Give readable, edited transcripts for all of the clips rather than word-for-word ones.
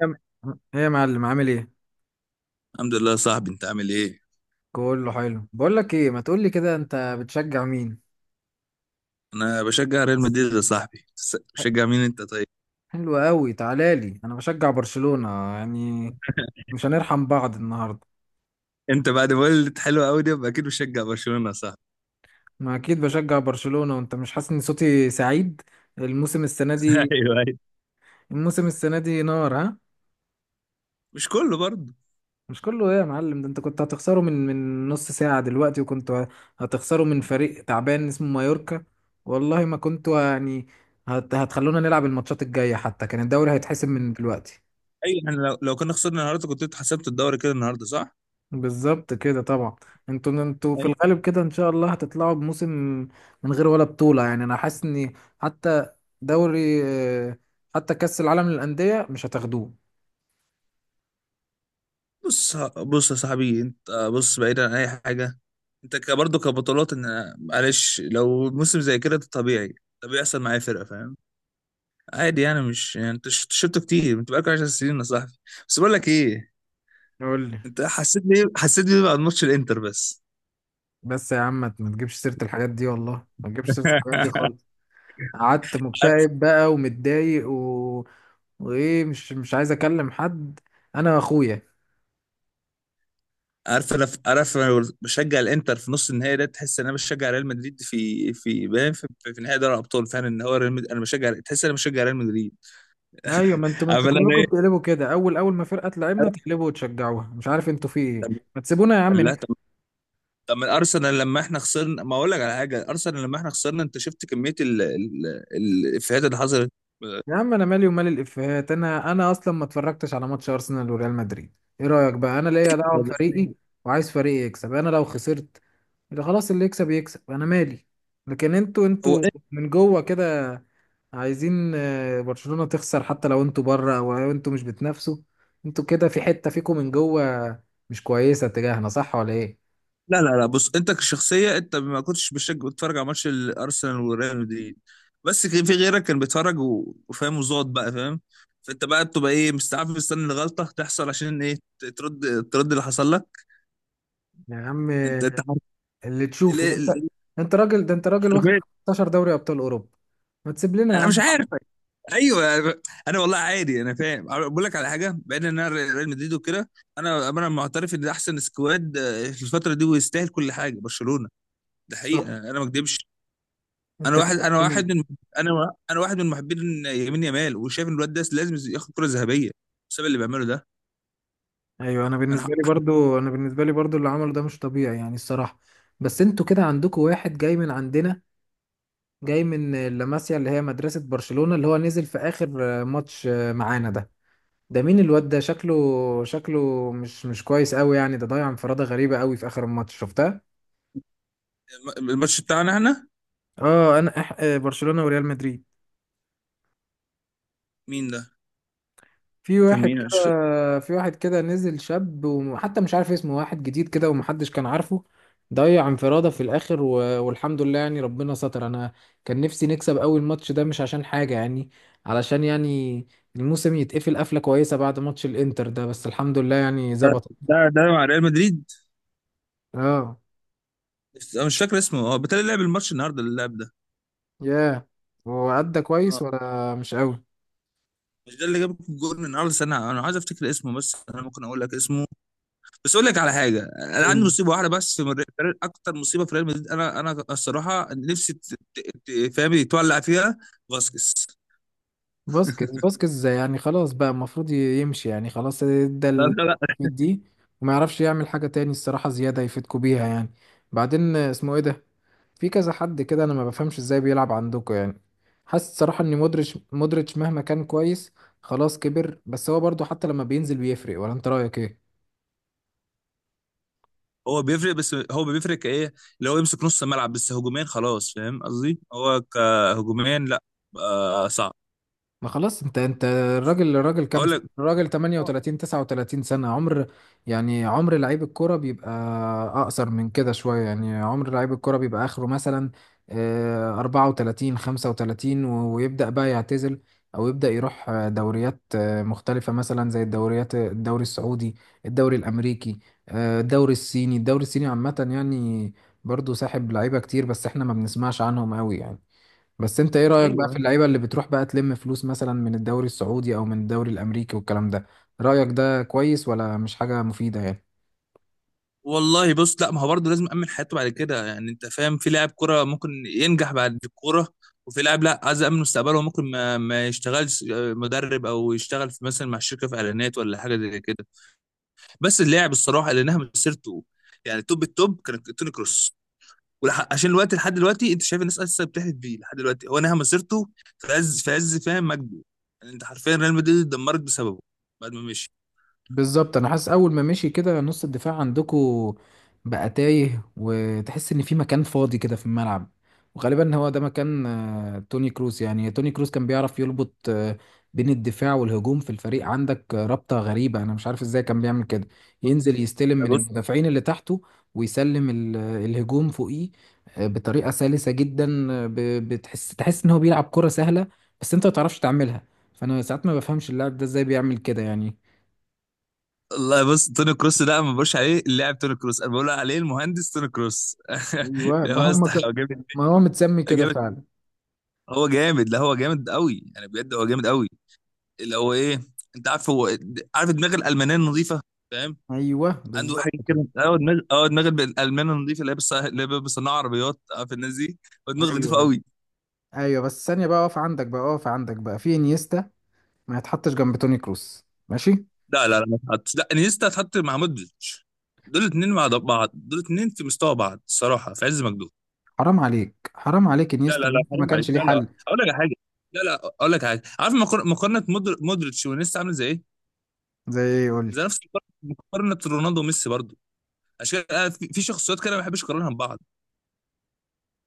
يا م- ايه يا معلم، عامل ايه؟ الحمد لله يا صاحبي، انت عامل ايه؟ كله حلو. بقول لك ايه، ما تقول لي كده، انت بتشجع مين؟ انا بشجع ريال مدريد يا صاحبي. بشجع مين انت طيب؟ حلو قوي، تعالى لي انا بشجع برشلونة. يعني مش هنرحم بعض النهارده. انت بعد ما قلت حلوه قوي دي يبقى اكيد بشجع برشلونه يا صاحبي. ما اكيد بشجع برشلونة، وانت مش حاسس ان صوتي سعيد؟ الموسم السنة دي ايوه، ايوه. الموسم السنة دي نار، ها؟ مش كله برضه. مش كله ايه يا معلم؟ ده انت كنت هتخسره من نص ساعة دلوقتي، وكنت هتخسره من فريق تعبان اسمه مايوركا. والله ما كنت يعني هتخلونا نلعب الماتشات الجاية، حتى كان الدوري هيتحسم من دلوقتي. ايوه، يعني لو كنا خسرنا النهارده كنت انت حسبت الدوري كده النهارده، صح؟ بالظبط كده طبعا. انتوا في ايوه. الغالب كده ان شاء الله هتطلعوا بموسم من غير ولا بطولة. يعني انا حاسس ان حتى دوري حتى كأس العالم للأندية مش هتاخدوه. بص يا صاحبي، انت بص بعيدا عن اي حاجه. انت برضه كبطولات، ان معلش لو موسم زي كده ده طبيعي. ده بيحصل معايا فرقه، فاهم؟ عادي يعني، مش يعني انت شفته كتير، انت بقالك 10 سنين يا صاحبي. بس بقول لك ايه، قول لي. انت حسيت بيه، حسيت بيه بعد ماتش الانتر بس. بس يا عم ما تجيبش سيرة الحاجات دي، والله ما تجيبش سيرة الحاجات دي خالص. قعدت مكتئب بقى ومتضايق وايه، مش عايز اكلم حد انا واخويا. عارف انا؟ عارف انا بشجع الانتر في نص النهائي ده؟ تحس ان انا بشجع ريال مدريد في باين في نهائي دوري الابطال فعلا، ان هو ريال مدريد انا بشجع. تحس ان انا بشجع ريال مدريد. ايوه، ما انتوا عارف انا كلكم ايه؟ بتقلبوا كده. اول ما فرقة تلعبنا تقلبوا وتشجعوها، مش عارف انتوا في ايه. طب، ما تسيبونا يا عم. لا طب، طب من ارسنال لما احنا خسرنا، ما اقول لك على حاجه، ارسنال لما احنا خسرنا انت شفت كميه الافيهات اللي حصلت؟ يا عم انا مالي ومال الافيهات، انا اصلا ما اتفرجتش على ماتش ارسنال وريال مدريد. ايه رايك بقى؟ انا ليا دعوه بس بفريقي، وعايز فريقي يكسب. انا لو خسرت يبقى خلاص، اللي يكسب يكسب، انا مالي. لكن انتوا هو، انتوا من جوه كده عايزين برشلونه تخسر، حتى لو انتوا بره او لو انتوا مش بتنافسوا. انتوا كده في حته فيكم من جوه مش كويسه تجاهنا، صح ولا ايه؟ لا لا لا، بص، انت كشخصيه انت ما كنتش بتشجع، بتتفرج على ماتش الارسنال وريال مدريد، بس كان في غيرك كان بيتفرج وفاهم وزاد بقى، فاهم؟ فانت بقى بتبقى ايه، مستعف مستني الغلطه تحصل عشان ايه؟ ترد، ترد اللي حصل لك. يا عم انت انت حر- اللي تشوفه ده انت. ليه؟ انت راجل ده انت راجل واخد حرفيا 15 دوري ابطال اوروبا، ما تسيب لنا يا انا مش عم. عارف. ايوه. انا والله عادي، انا فاهم، بقول لك على حاجه بعيد، ان انا ريال مدريد وكده، انا معترف ان ده احسن سكواد في الفتره دي، ويستاهل كل حاجه برشلونه. ده واحد. حقيقه، انا ما اكدبش. انا انت واحد، كده انا تمام. واحد من، انا واحد من محبين يمين يامال، وشايف ان الواد ده لازم ياخد كرة ذهبية بسبب اللي بيعمله ده. ايوه، انا ح- انا بالنسبه لي برضو اللي عمله ده مش طبيعي يعني الصراحه. بس انتوا كده عندكم واحد جاي من عندنا، جاي من لاماسيا اللي هي مدرسه برشلونه، اللي هو نزل في اخر ماتش معانا ده. ده مين الواد ده؟ شكله مش كويس قوي يعني. ده ضيع انفراده غريبه قوي في اخر الماتش شفتها. الماتش بتاعنا احنا؟ اه انا أح... آه، برشلونه وريال مدريد. مين ده؟ في كان واحد مين، أنا مش فاكر. كده في واحد كده نزل شاب وحتى مش عارف اسمه، واحد جديد كده ومحدش كان عارفه. ضيع انفرادة في الاخر والحمد لله يعني ربنا ستر. انا كان نفسي نكسب اول ماتش ده مش عشان حاجة يعني، علشان يعني الموسم يتقفل قفلة كويسة بعد ماتش الانتر ده. بس الحمد لله يعني ظبط. ده مع ريال مدريد. اه. انا مش فاكر اسمه، هو بتاع اللي لعب الماتش النهارده اللي لعب ده. ياه. وأدى اه. كويس ولا مش مش ده اللي جاب الجول النهارده؟ استنى، انا عايز افتكر اسمه، بس انا ممكن اقول لك اسمه. بس اقول لك على حاجه، انا عندي قوي؟ مصيبه واحده بس من اكتر مصيبه في ريال مدريد انا الصراحه نفسي فاهم، تولع فيها. فاسكيز. فاسكيز يعني خلاص بقى، المفروض يمشي يعني خلاص. ادى لا لا لا، دي، وما يعرفش يعمل حاجة تاني الصراحة زيادة يفيدكوا بيها يعني. بعدين اسمه ايه ده؟ في كذا حد كده انا ما بفهمش ازاي بيلعب عندكوا يعني. حاسس الصراحة ان مودريتش مهما كان كويس خلاص كبر. بس هو برضو حتى لما بينزل بيفرق، ولا انت رأيك ايه؟ هو بيفرق، بس هو بيفرق كايه؟ اللي هو يمسك نص الملعب بس، هجوميا خلاص، فاهم قصدي؟ هو كهجوميا لا. آه صعب. ما خلاص، انت الراجل كام اقول سنة؟ لك، الراجل آه، 38 39 سنة عمر يعني، عمر لعيب الكرة بيبقى اقصر من كده شوية يعني. عمر لعيب الكرة بيبقى اخره مثلا 34 35 ويبدأ بقى يعتزل، او يبدأ يروح دوريات مختلفة، مثلا زي الدوريات الدوري السعودي الدوري الامريكي الدوري الصيني. الدوري الصيني عامة يعني برضو ساحب لعيبة كتير، بس احنا ما بنسمعش عنهم قوي يعني. بس انت ايه رأيك بقى في ايوه. اللعيبة اللي بتروح بقى تلم فلوس مثلا من الدوري السعودي او من الدوري الامريكي والكلام ده؟ رأيك ده كويس ولا مش حاجة مفيدة يعني؟ والله بص، لا، ما هو برضه لازم امن حياته بعد كده، يعني انت فاهم في لاعب كرة ممكن ينجح بعد الكوره، وفي لاعب لا عايز امن مستقبله، ممكن ما يشتغلش مدرب، او يشتغل في مثلا مع شركه في اعلانات ولا حاجه زي كده. بس اللاعب الصراحه اللي نهى مسيرته، يعني توب التوب، كان توني كروس. عشان الوقت لحد دلوقتي، انت شايف الناس لسه بتحلف بيه لحد دلوقتي. هو نهى مسيرته في عز، في عز فاهم مجده. يعني انت حرفيا ريال مدريد اتدمرت بسببه بعد ما مشي. بالظبط. انا حاسس اول ما مشي كده نص الدفاع عندكو بقى تايه، وتحس ان في مكان فاضي كده في الملعب. وغالبا هو ده مكان توني كروس. يعني توني كروس كان بيعرف يربط بين الدفاع والهجوم في الفريق، عندك رابطة غريبة انا مش عارف ازاي كان بيعمل كده. بص ينزل يستلم من بص. المدافعين اللي تحته، ويسلم الهجوم فوقيه بطريقة سلسة جدا، آه، ب- بتحس تحس ان هو بيلعب كرة سهلة، بس انت ما تعرفش تعملها. فانا ساعات ما بفهمش اللاعب ده ازاي بيعمل كده يعني. الله، بص توني كروس ده، انا ما بقولش عليه اللاعب توني كروس، انا بقول عليه المهندس توني كروس. ايوه. ما هم هو ك... جامد. ما هو متسمي كده جامد. فعلا. هو جامد، لا هو جامد قوي يعني، بجد هو جامد قوي. اللي هو ايه، انت عارف هو، عارف دماغ الالمانيه النظيفه، فاهم؟ ايوه عنده بالظبط حاجه كده. كده، اه دماغ، اه دماغ الالمان النظيفه اللي اللي هي بتصنع عربيات، عارف الناس دي؟ هو دماغ نظيفه ايوه، ايوه. قوي. ايوه بس ثانيه بقى، اقف عندك بقى، اقف عندك بقى، في انيستا ما يتحطش جنب توني كروس ماشي؟ لا لا لا، ما تحطش، لا، انيستا تحط مع مودريتش، دول اتنين مع بعض، دول اتنين في مستوى بعض الصراحه في عز مجدهم. حرام عليك، حرام عليك، لا لا انيستا لا إنيستا ما حرام عليك، كانش ليه لا، لا حل. اقول لك على حاجه، لا، لا اقول لك على حاجه. عارف مقارنه مودريتش وانيستا عامله زي ايه؟ زي ايه؟ قول لي. زي نفس مقارنه، مقارنة رونالدو وميسي برضه. عشان كده أنا في في شخصيات كده ما بحبش اقارنها ببعض.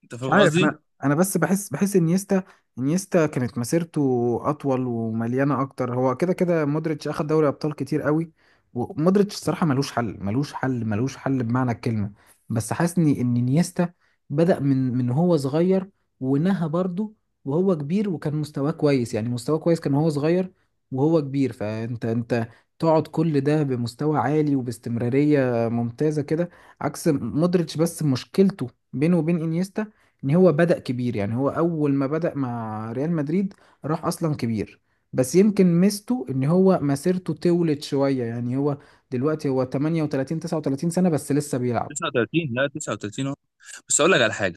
انت مش فاهم عارف، قصدي؟ انا بس بحس انيستا كانت مسيرته اطول ومليانه اكتر. هو كده كده مودريتش اخد دوري ابطال كتير قوي، ومودريتش الصراحه ملوش حل، ملوش حل، ملوش حل بمعنى الكلمه. بس حاسني ان انيستا بدأ من هو صغير، ونهى برضه وهو كبير، وكان مستواه كويس يعني. مستواه كويس كان وهو صغير وهو كبير، فانت تقعد كل ده بمستوى عالي وباستمراريه ممتازه كده، عكس مودريتش. بس مشكلته بينه وبين انيستا ان هو بدأ كبير، يعني هو اول ما بدأ مع ريال مدريد راح اصلا كبير. بس يمكن ميزته ان هو مسيرته طولت شوية، يعني هو دلوقتي هو 38 39 سنة بس لسه بيلعب. 39، لا 39. بس اقول لك على حاجه،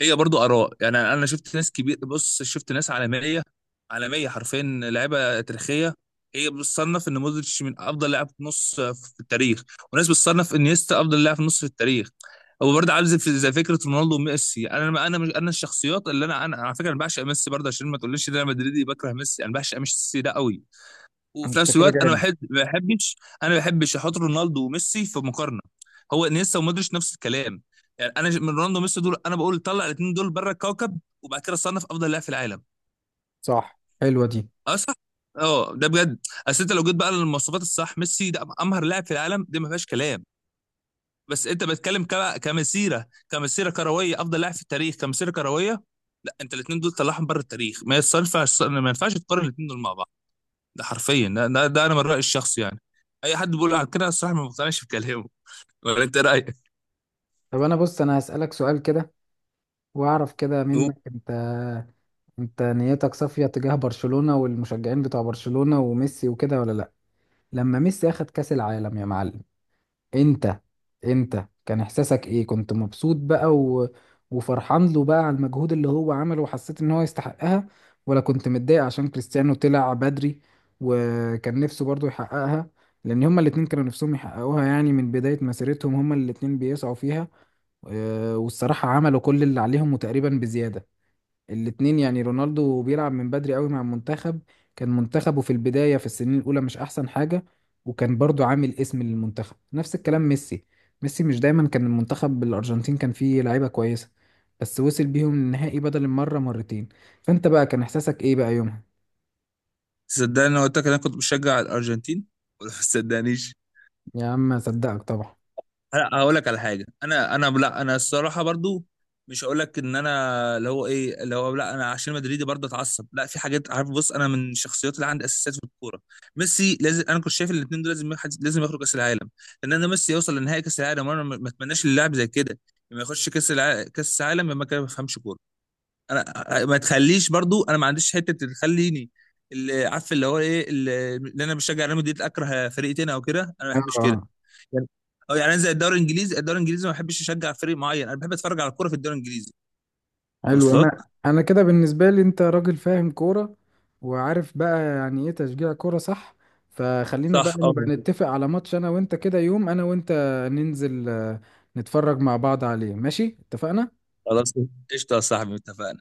هي برضو اراء يعني. انا شفت ناس كبير، بص شفت ناس عالميه، عالميه حرفيا، لعيبه تاريخيه، هي بتصنف ان مودريتش من افضل لاعب نص في التاريخ، وناس بتصنف ان نيستا افضل لاعب نص في التاريخ. هو برضه عامل زي فكره رونالدو وميسي. انا انا مش انا الشخصيات اللي انا على فكره انا بعشق ميسي برضه، عشان ما تقوليش ان انا مدريدي بكره ميسي، انا بعشق ميسي ده قوي. وفي انت نفس كده الوقت انا جامد، بحب، ما بحبش، انا ما بحبش احط رونالدو وميسي في مقارنه. هو انيستا ومودريتش نفس الكلام. يعني انا من رونالدو وميسي دول، انا بقول طلع الاثنين دول بره الكوكب، وبعد كده صنف افضل لاعب في العالم. صح. حلوة دي. اه صح. اه ده بجد. اصل انت لو جيت بقى للمواصفات الصح، ميسي ده امهر لاعب في العالم، دي ما فيهاش كلام. بس انت بتتكلم كمسيره، كمسيره كرويه، افضل لاعب في التاريخ كمسيره كرويه، لا، انت الاثنين دول طلعهم بره التاريخ، ما يصنفعش، ما ينفعش تقارن الاثنين دول مع بعض. ده حرفيا ده انا من رايي الشخصي يعني. اي حد بيقول على كده الصراحه ما بقتنعش بكلامه. ولا انت رايك؟ طب انا، بص، انا هسألك سؤال كده واعرف كده هو- منك انت نيتك صافية تجاه برشلونة والمشجعين بتوع برشلونة وميسي وكده ولا لا؟ لما ميسي اخد كأس العالم يا معلم، انت انت كان احساسك ايه؟ كنت مبسوط بقى وفرحان له بقى على المجهود اللي هو عمله، وحسيت ان هو يستحقها، ولا كنت متضايق عشان كريستيانو طلع بدري وكان نفسه برضو يحققها؟ لان هما الاتنين كانوا نفسهم يحققوها. يعني من بداية مسيرتهم هما الاتنين بيسعوا فيها. اه، والصراحة عملوا كل اللي عليهم وتقريبا بزيادة الاتنين. يعني رونالدو بيلعب من بدري قوي مع المنتخب، كان منتخبه في البداية في السنين الأولى مش أحسن حاجة، وكان برضو عامل اسم للمنتخب. نفس الكلام ميسي. ميسي مش دايما كان المنتخب الأرجنتين كان فيه لعيبة كويسة، بس وصل بيهم النهائي بدل المرة مرتين. فأنت بقى كان إحساسك إيه بقى يومها؟ صدقني انا قلت لك انا كنت بشجع الارجنتين، ولا ما صدقنيش؟ يا عم أصدقك طبعا. لا هقول لك على حاجه، انا الصراحه برضو، مش هقول لك ان انا اللي هو ايه، اللي هو لا انا عشان مدريدي برضه اتعصب، لا، في حاجات، عارف بص انا من الشخصيات اللي عندي اساسيات في الكوره. ميسي لازم، انا كنت شايف الاثنين دول لازم لازم يخرج كاس العالم. لان انا ميسي يوصل لنهائي كاس العالم وانا ما اتمناش للاعب زي كده لما يخش كاس العالم ما كان، ما بفهمش كوره. انا ما تخليش برضو، انا ما عنديش حته تخليني اللي عارف اللي هو ايه، اللي انا بشجع ريال مدريد اكره فريق تاني او كده، انا ما بحبش كده آه، يعني. اه يعني انا زي الدوري الانجليزي، الدوري الانجليزي ما بحبش اشجع فريق معين، انا بحب اتفرج على الكوره في الدوري الانجليزي. حلو. واصلك. انا كده بالنسبه لي انت راجل فاهم كوره، وعارف بقى يعني ايه تشجيع كوره صح. فخلينا بقى صح، اه. نبقى نتفق على ماتش انا وانت، كده يوم انا وانت ننزل نتفرج مع بعض عليه، ماشي؟ اتفقنا. خلاص، قشطه يا صاحبي، اتفقنا.